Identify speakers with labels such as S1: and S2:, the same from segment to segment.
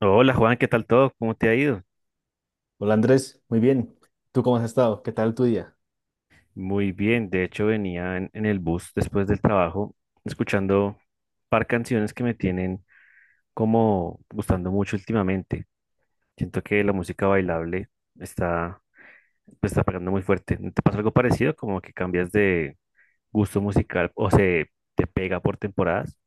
S1: Hola Juan, ¿qué tal todo? ¿Cómo te ha ido?
S2: Hola Andrés, muy bien. ¿Tú cómo has estado? ¿Qué tal tu día?
S1: Muy bien, de hecho venía en el bus después del trabajo escuchando un par canciones que me tienen como gustando mucho últimamente. Siento que la música bailable está, está pegando muy fuerte. ¿No te pasa algo parecido? Como que cambias de gusto musical o se te pega por temporadas.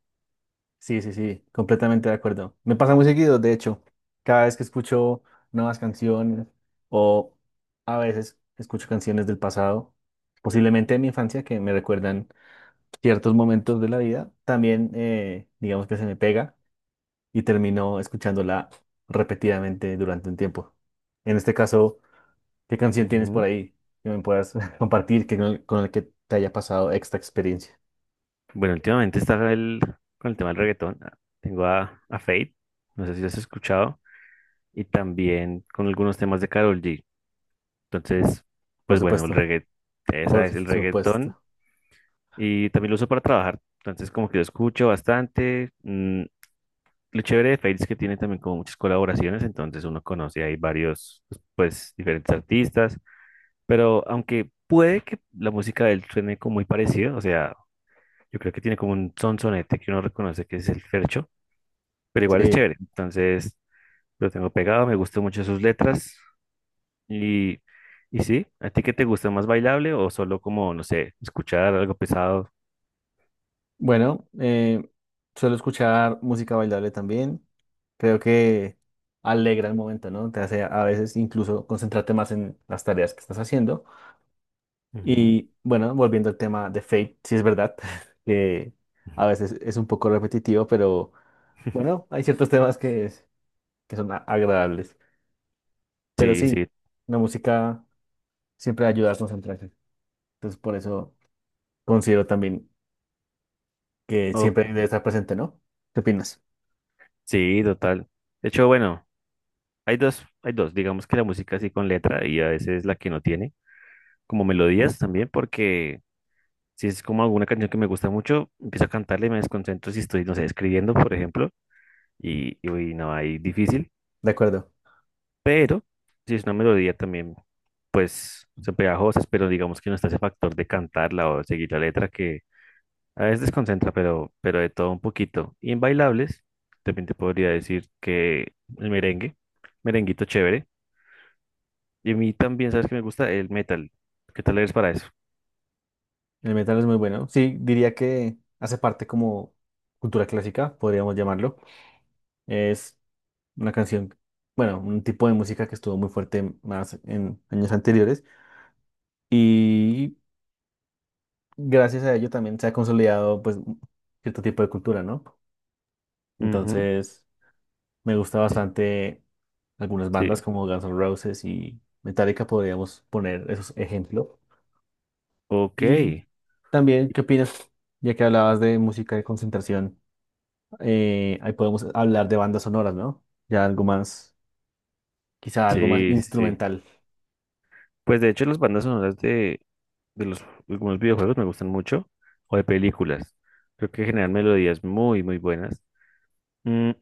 S2: Sí, sí, sí, completamente de acuerdo. Me pasa muy seguido, de hecho, cada vez que escucho nuevas canciones o a veces escucho canciones del pasado, posiblemente de mi infancia, que me recuerdan ciertos momentos de la vida, también digamos que se me pega y termino escuchándola repetidamente durante un tiempo. En este caso, ¿qué canción tienes por
S1: Ujú.
S2: ahí que me puedas compartir que con el que te haya pasado esta experiencia?
S1: Bueno, últimamente con el tema del reggaetón. Tengo a Fate, no sé si lo has escuchado, y también con algunos temas de Karol G. Entonces,
S2: Por
S1: pues bueno, el
S2: supuesto.
S1: reggaetón,
S2: Por
S1: esa es el
S2: supuesto.
S1: reggaetón y también lo uso para trabajar. Entonces, como que lo escucho bastante. Lo chévere de Fails es que tiene también como muchas colaboraciones, entonces uno conoce ahí varios, pues, diferentes artistas, pero aunque puede que la música de él suene como muy parecido, o sea, yo creo que tiene como un sonsonete que uno reconoce que es el Fercho, pero igual es
S2: Sí.
S1: chévere. Entonces, lo tengo pegado, me gustan mucho sus letras. Y, y sí, ¿a ti qué te gusta más, bailable o solo como, no sé, escuchar algo pesado?
S2: Bueno, suelo escuchar música bailable también. Creo que alegra el momento, ¿no? Te hace a veces incluso concentrarte más en las tareas que estás haciendo.
S1: Ujú,
S2: Y bueno, volviendo al tema de Fate, sí es verdad que
S1: ujú.
S2: a veces es un poco repetitivo, pero bueno, hay ciertos temas que son agradables. Pero
S1: Sí,
S2: sí,
S1: sí,
S2: la música siempre ayuda a concentrarse. Entonces, por eso considero también que
S1: o-
S2: siempre debe estar presente, ¿no? ¿Qué opinas?
S1: sí, total. De hecho, bueno, digamos que la música así con letra y a veces la que no tiene, como melodías también, porque si es como alguna canción que me gusta mucho, empiezo a cantarla y me desconcentro si estoy, no sé, escribiendo, por ejemplo, y uy, no, ahí difícil.
S2: De acuerdo,
S1: Pero si es una melodía también, pues son pegajosas, pero digamos que no está ese factor de cantarla o seguir la letra que a veces desconcentra, pero de todo un poquito. Y en bailables, también te podría decir que el merengue, merenguito chévere. Y a mí también, ¿sabes que me gusta? El metal. ¿Qué tal eres para eso?
S2: el metal es muy bueno. Sí, diría que hace parte como cultura clásica, podríamos llamarlo. Es una canción, bueno, un tipo de música que estuvo muy fuerte más en años anteriores y gracias a ello también se ha consolidado pues cierto tipo de cultura, ¿no?
S1: Ujú.
S2: Entonces, me gusta bastante algunas
S1: Sí,
S2: bandas como Guns N' Roses y Metallica, podríamos poner esos ejemplos.
S1: ok.
S2: Y también, ¿qué opinas? Ya que hablabas de música de concentración. Ahí podemos hablar de bandas sonoras, ¿no? Ya algo más, quizá algo más
S1: Sí, sí, sí.
S2: instrumental.
S1: Pues de hecho las bandas sonoras de los algunos videojuegos me gustan mucho o de películas. Creo que generan melodías muy, muy buenas. Mm,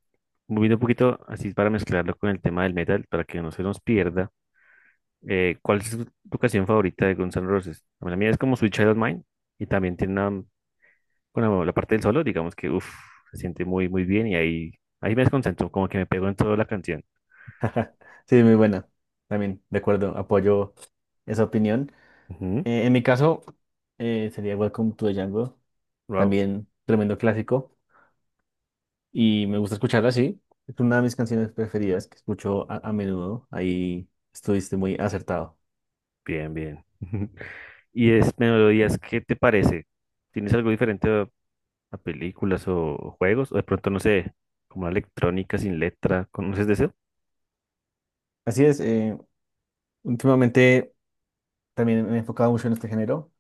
S1: Moviendo un poquito así para mezclarlo con el tema del metal, para que no se nos pierda, ¿cuál es tu canción favorita de Guns N' Roses? Bueno, la mía es como Sweet Child of Mine y también tiene una, bueno, la parte del solo, digamos que uf, se siente muy, muy bien y ahí me desconcentro, como que me pego en toda la canción.
S2: Sí, muy buena. También, de acuerdo, apoyo esa opinión.
S1: Ujú.
S2: En mi caso, sería Welcome to the Jungle,
S1: Wow,
S2: también tremendo clásico, y me gusta escucharla así. Es una de mis canciones preferidas que escucho a menudo. Ahí estuviste muy acertado.
S1: bien, bien. ¿Y es melodías, qué te parece? ¿Tienes algo diferente a películas o juegos? O de pronto, no sé, como la electrónica sin letra, ¿conoces de eso?
S2: Así es, últimamente también me he enfocado mucho en este género.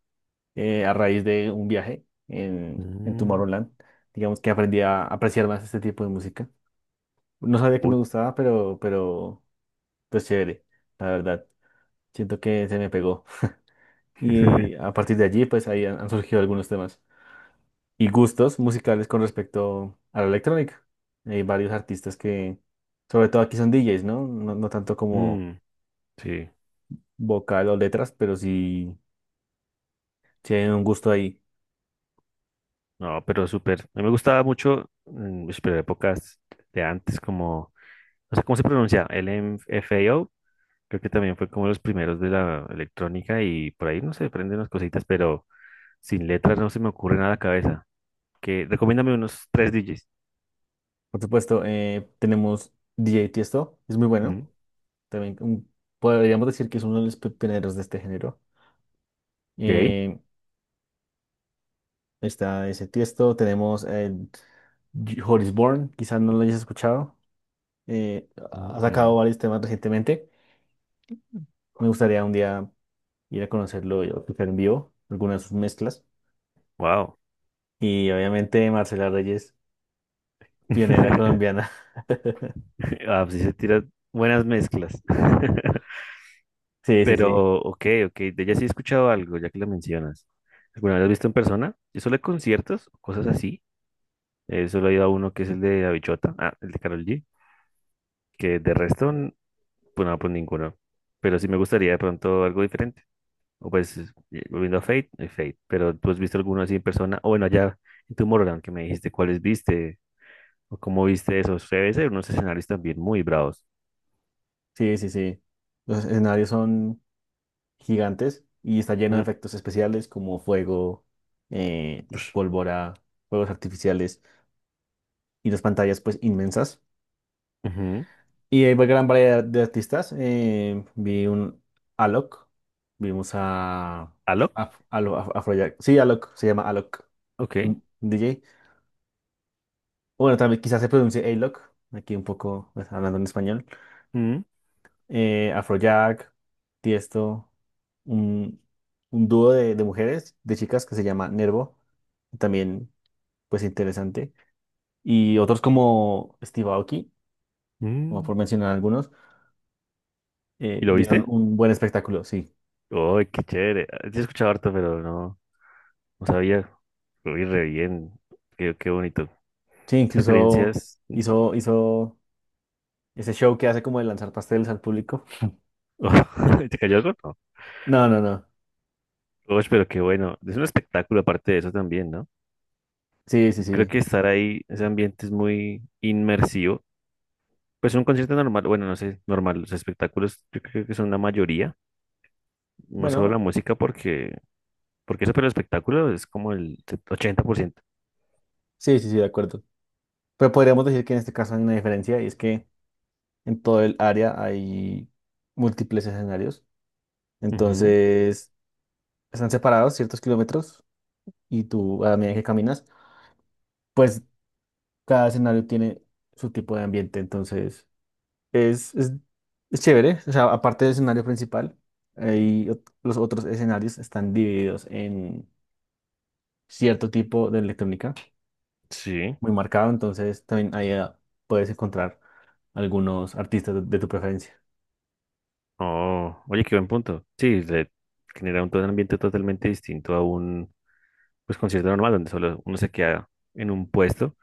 S2: A raíz de un viaje en
S1: Mm,
S2: Tomorrowland. Digamos que aprendí a apreciar más este tipo de música. No sabía que me
S1: uy.
S2: gustaba, pero pues chévere, la verdad. Siento que se me pegó. Y a partir de allí, pues ahí han, han surgido algunos temas y gustos musicales con respecto a la electrónica. Hay varios artistas que, sobre todo aquí son DJs, ¿no? No, no tanto como
S1: Mm, sí,
S2: vocal o letras, pero sí, sí hay un gusto ahí.
S1: no, pero súper. A mí me gustaba mucho, ush, pero épocas de antes, como, no sé cómo se pronuncia, L M F A O. Creo que también fue como los primeros de la electrónica y por ahí, no se prenden unas cositas, pero sin letras no se me ocurre nada a la cabeza. Que, recomiéndame unos tres DJs.
S2: Por supuesto, tenemos DJ Tiesto, es muy bueno.
S1: Mm,
S2: También podríamos decir que es uno de los pioneros de este género.
S1: ok.
S2: Eh, está ese Tiesto, tenemos el Horis Bourne, quizás no lo hayas escuchado.
S1: Mm,
S2: Ha
S1: mm,
S2: sacado varios temas recientemente. Me gustaría un día ir a conocerlo y escuchar en vivo algunas de sus mezclas.
S1: wow.
S2: Y obviamente Marcela Reyes, pionera colombiana.
S1: Ah, pues sí se tiran buenas mezclas.
S2: Sí, sí,
S1: Pero,
S2: sí,
S1: ok, ok, de ella sí he escuchado algo, ya que lo mencionas. ¿Alguna vez has visto en persona? Yo solo he conciertos, cosas así. Solo he ido a uno que es el de Bichota, ah, el de Karol G, que de resto, pues no, pues ninguno. Pero sí me gustaría de pronto algo diferente. O pues, volviendo a Fate. Pero tú has visto alguno así en persona, o bueno, allá en Tomorrowland, que me dijiste cuáles viste, o cómo viste esos. Debe ser unos escenarios también muy bravos.
S2: sí, sí, sí. Los escenarios son gigantes y está lleno de
S1: Mm,
S2: efectos especiales como fuego, eh,
S1: ush,
S2: pólvora, fuegos artificiales y las pantallas pues inmensas.
S1: ujú.
S2: Y hay gran variedad de artistas. Vi un Alok, vimos
S1: ¿Alok?
S2: Afrojack. Sí, Alok, se llama Alok, es
S1: Ok.
S2: un DJ. O bueno, también quizás se pronuncie Alok, aquí un poco pues, hablando en español.
S1: Mm,
S2: Afrojack, Tiesto, un, un dúo de mujeres, de chicas que se llama Nervo, también pues interesante, y otros como Steve Aoki, como
S1: mm.
S2: por mencionar algunos,
S1: ¿Y lo
S2: dieron
S1: viste?
S2: un buen espectáculo, sí.
S1: Uy, qué chévere. Ah, sí he escuchado harto, pero no, no sabía. Uy, re bien. Qué, qué bonito.
S2: Sí,
S1: ¿Qué
S2: incluso
S1: experiencias?
S2: hizo ese show que hace como de lanzar pasteles al público.
S1: Oh, ¿te cayó algo? No.
S2: No, no, no.
S1: Uy, pero qué bueno. Es un espectáculo aparte de eso también, ¿no?
S2: Sí, sí,
S1: Yo creo
S2: sí.
S1: que estar ahí, ese ambiente es muy inmersivo. Pues un concierto normal, bueno, no sé, normal. Los espectáculos yo creo que son la mayoría. No solo la
S2: Bueno,
S1: música, porque eso, pero el espectáculo es como el 80%.
S2: sí, sí, sí, de acuerdo. Pero podríamos decir que en este caso hay una diferencia y es que en todo el área hay múltiples escenarios.
S1: Ujú,
S2: Entonces, están separados ciertos kilómetros y tú, a la medida que caminas, pues cada escenario tiene su tipo de ambiente. Entonces, es, es, es chévere. O sea, aparte del escenario principal, hay los otros escenarios están divididos en cierto tipo de electrónica
S1: sí.
S2: muy marcado. Entonces, también ahí puedes encontrar algunos artistas de tu preferencia.
S1: Oh, oye, qué buen punto. Sí, se genera un, todo un ambiente totalmente distinto a un pues, concierto normal, donde solo uno se queda en un puesto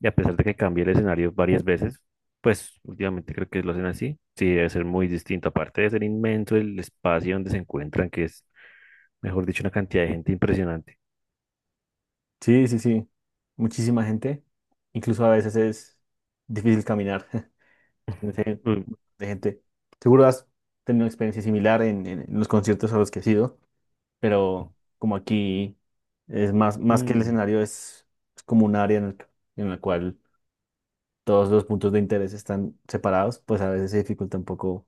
S1: y a pesar de que cambie el escenario varias veces, pues últimamente creo que lo hacen así. Sí, debe ser muy distinto. Aparte de ser inmenso el espacio donde se encuentran, que es, mejor dicho, una cantidad de gente impresionante.
S2: Sí, sí, sí. Muchísima gente. Incluso a veces es difícil caminar. de
S1: Mm,
S2: gente. Seguro has tenido una experiencia similar en los conciertos a los que has ido, pero como aquí es más, más que el
S1: mm,
S2: escenario, es como un área en en la cual todos los puntos de interés están separados, pues a veces se dificulta un poco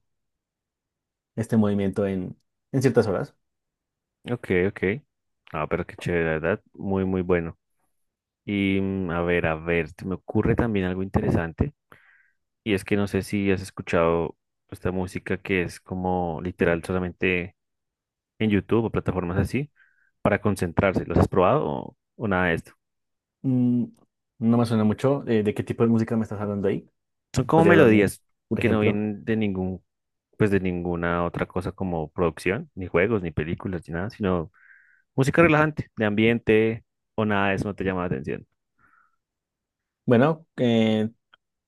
S2: este movimiento en ciertas horas.
S1: ok, ok. Ah, pero qué chévere, la verdad. Muy, muy bueno. Y a ver, se me ocurre también algo interesante. Y es que no sé si has escuchado esta música que es como literal solamente en YouTube o plataformas así para concentrarse. ¿Los has probado o nada de esto?
S2: Mm, no me suena mucho. ¿De qué tipo de música me estás hablando ahí?
S1: Son como
S2: ¿Podrías darme
S1: melodías
S2: un
S1: que no
S2: ejemplo?
S1: vienen de ningún, pues de ninguna otra cosa como producción, ni juegos, ni películas, ni nada, sino música relajante, de ambiente o nada de eso no te llama la atención.
S2: Bueno,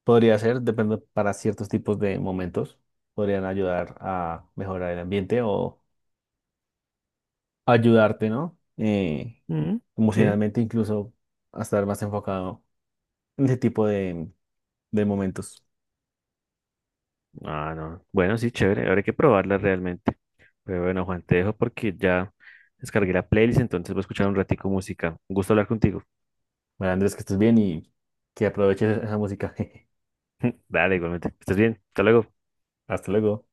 S2: podría ser, depende para ciertos tipos de momentos podrían ayudar a mejorar el ambiente o ayudarte, ¿no?
S1: Mm, sí.
S2: Emocionalmente incluso a estar más enfocado en ese tipo de momentos.
S1: Ah, no. Bueno, sí, chévere. Ahora hay que probarla realmente. Pero bueno, Juan, te dejo porque ya descargué la playlist, entonces voy a escuchar un ratico música. Un gusto hablar contigo.
S2: Bueno, Andrés, que estés bien y que aproveches esa música.
S1: Dale, igualmente. Estás bien. Hasta luego.
S2: Hasta luego.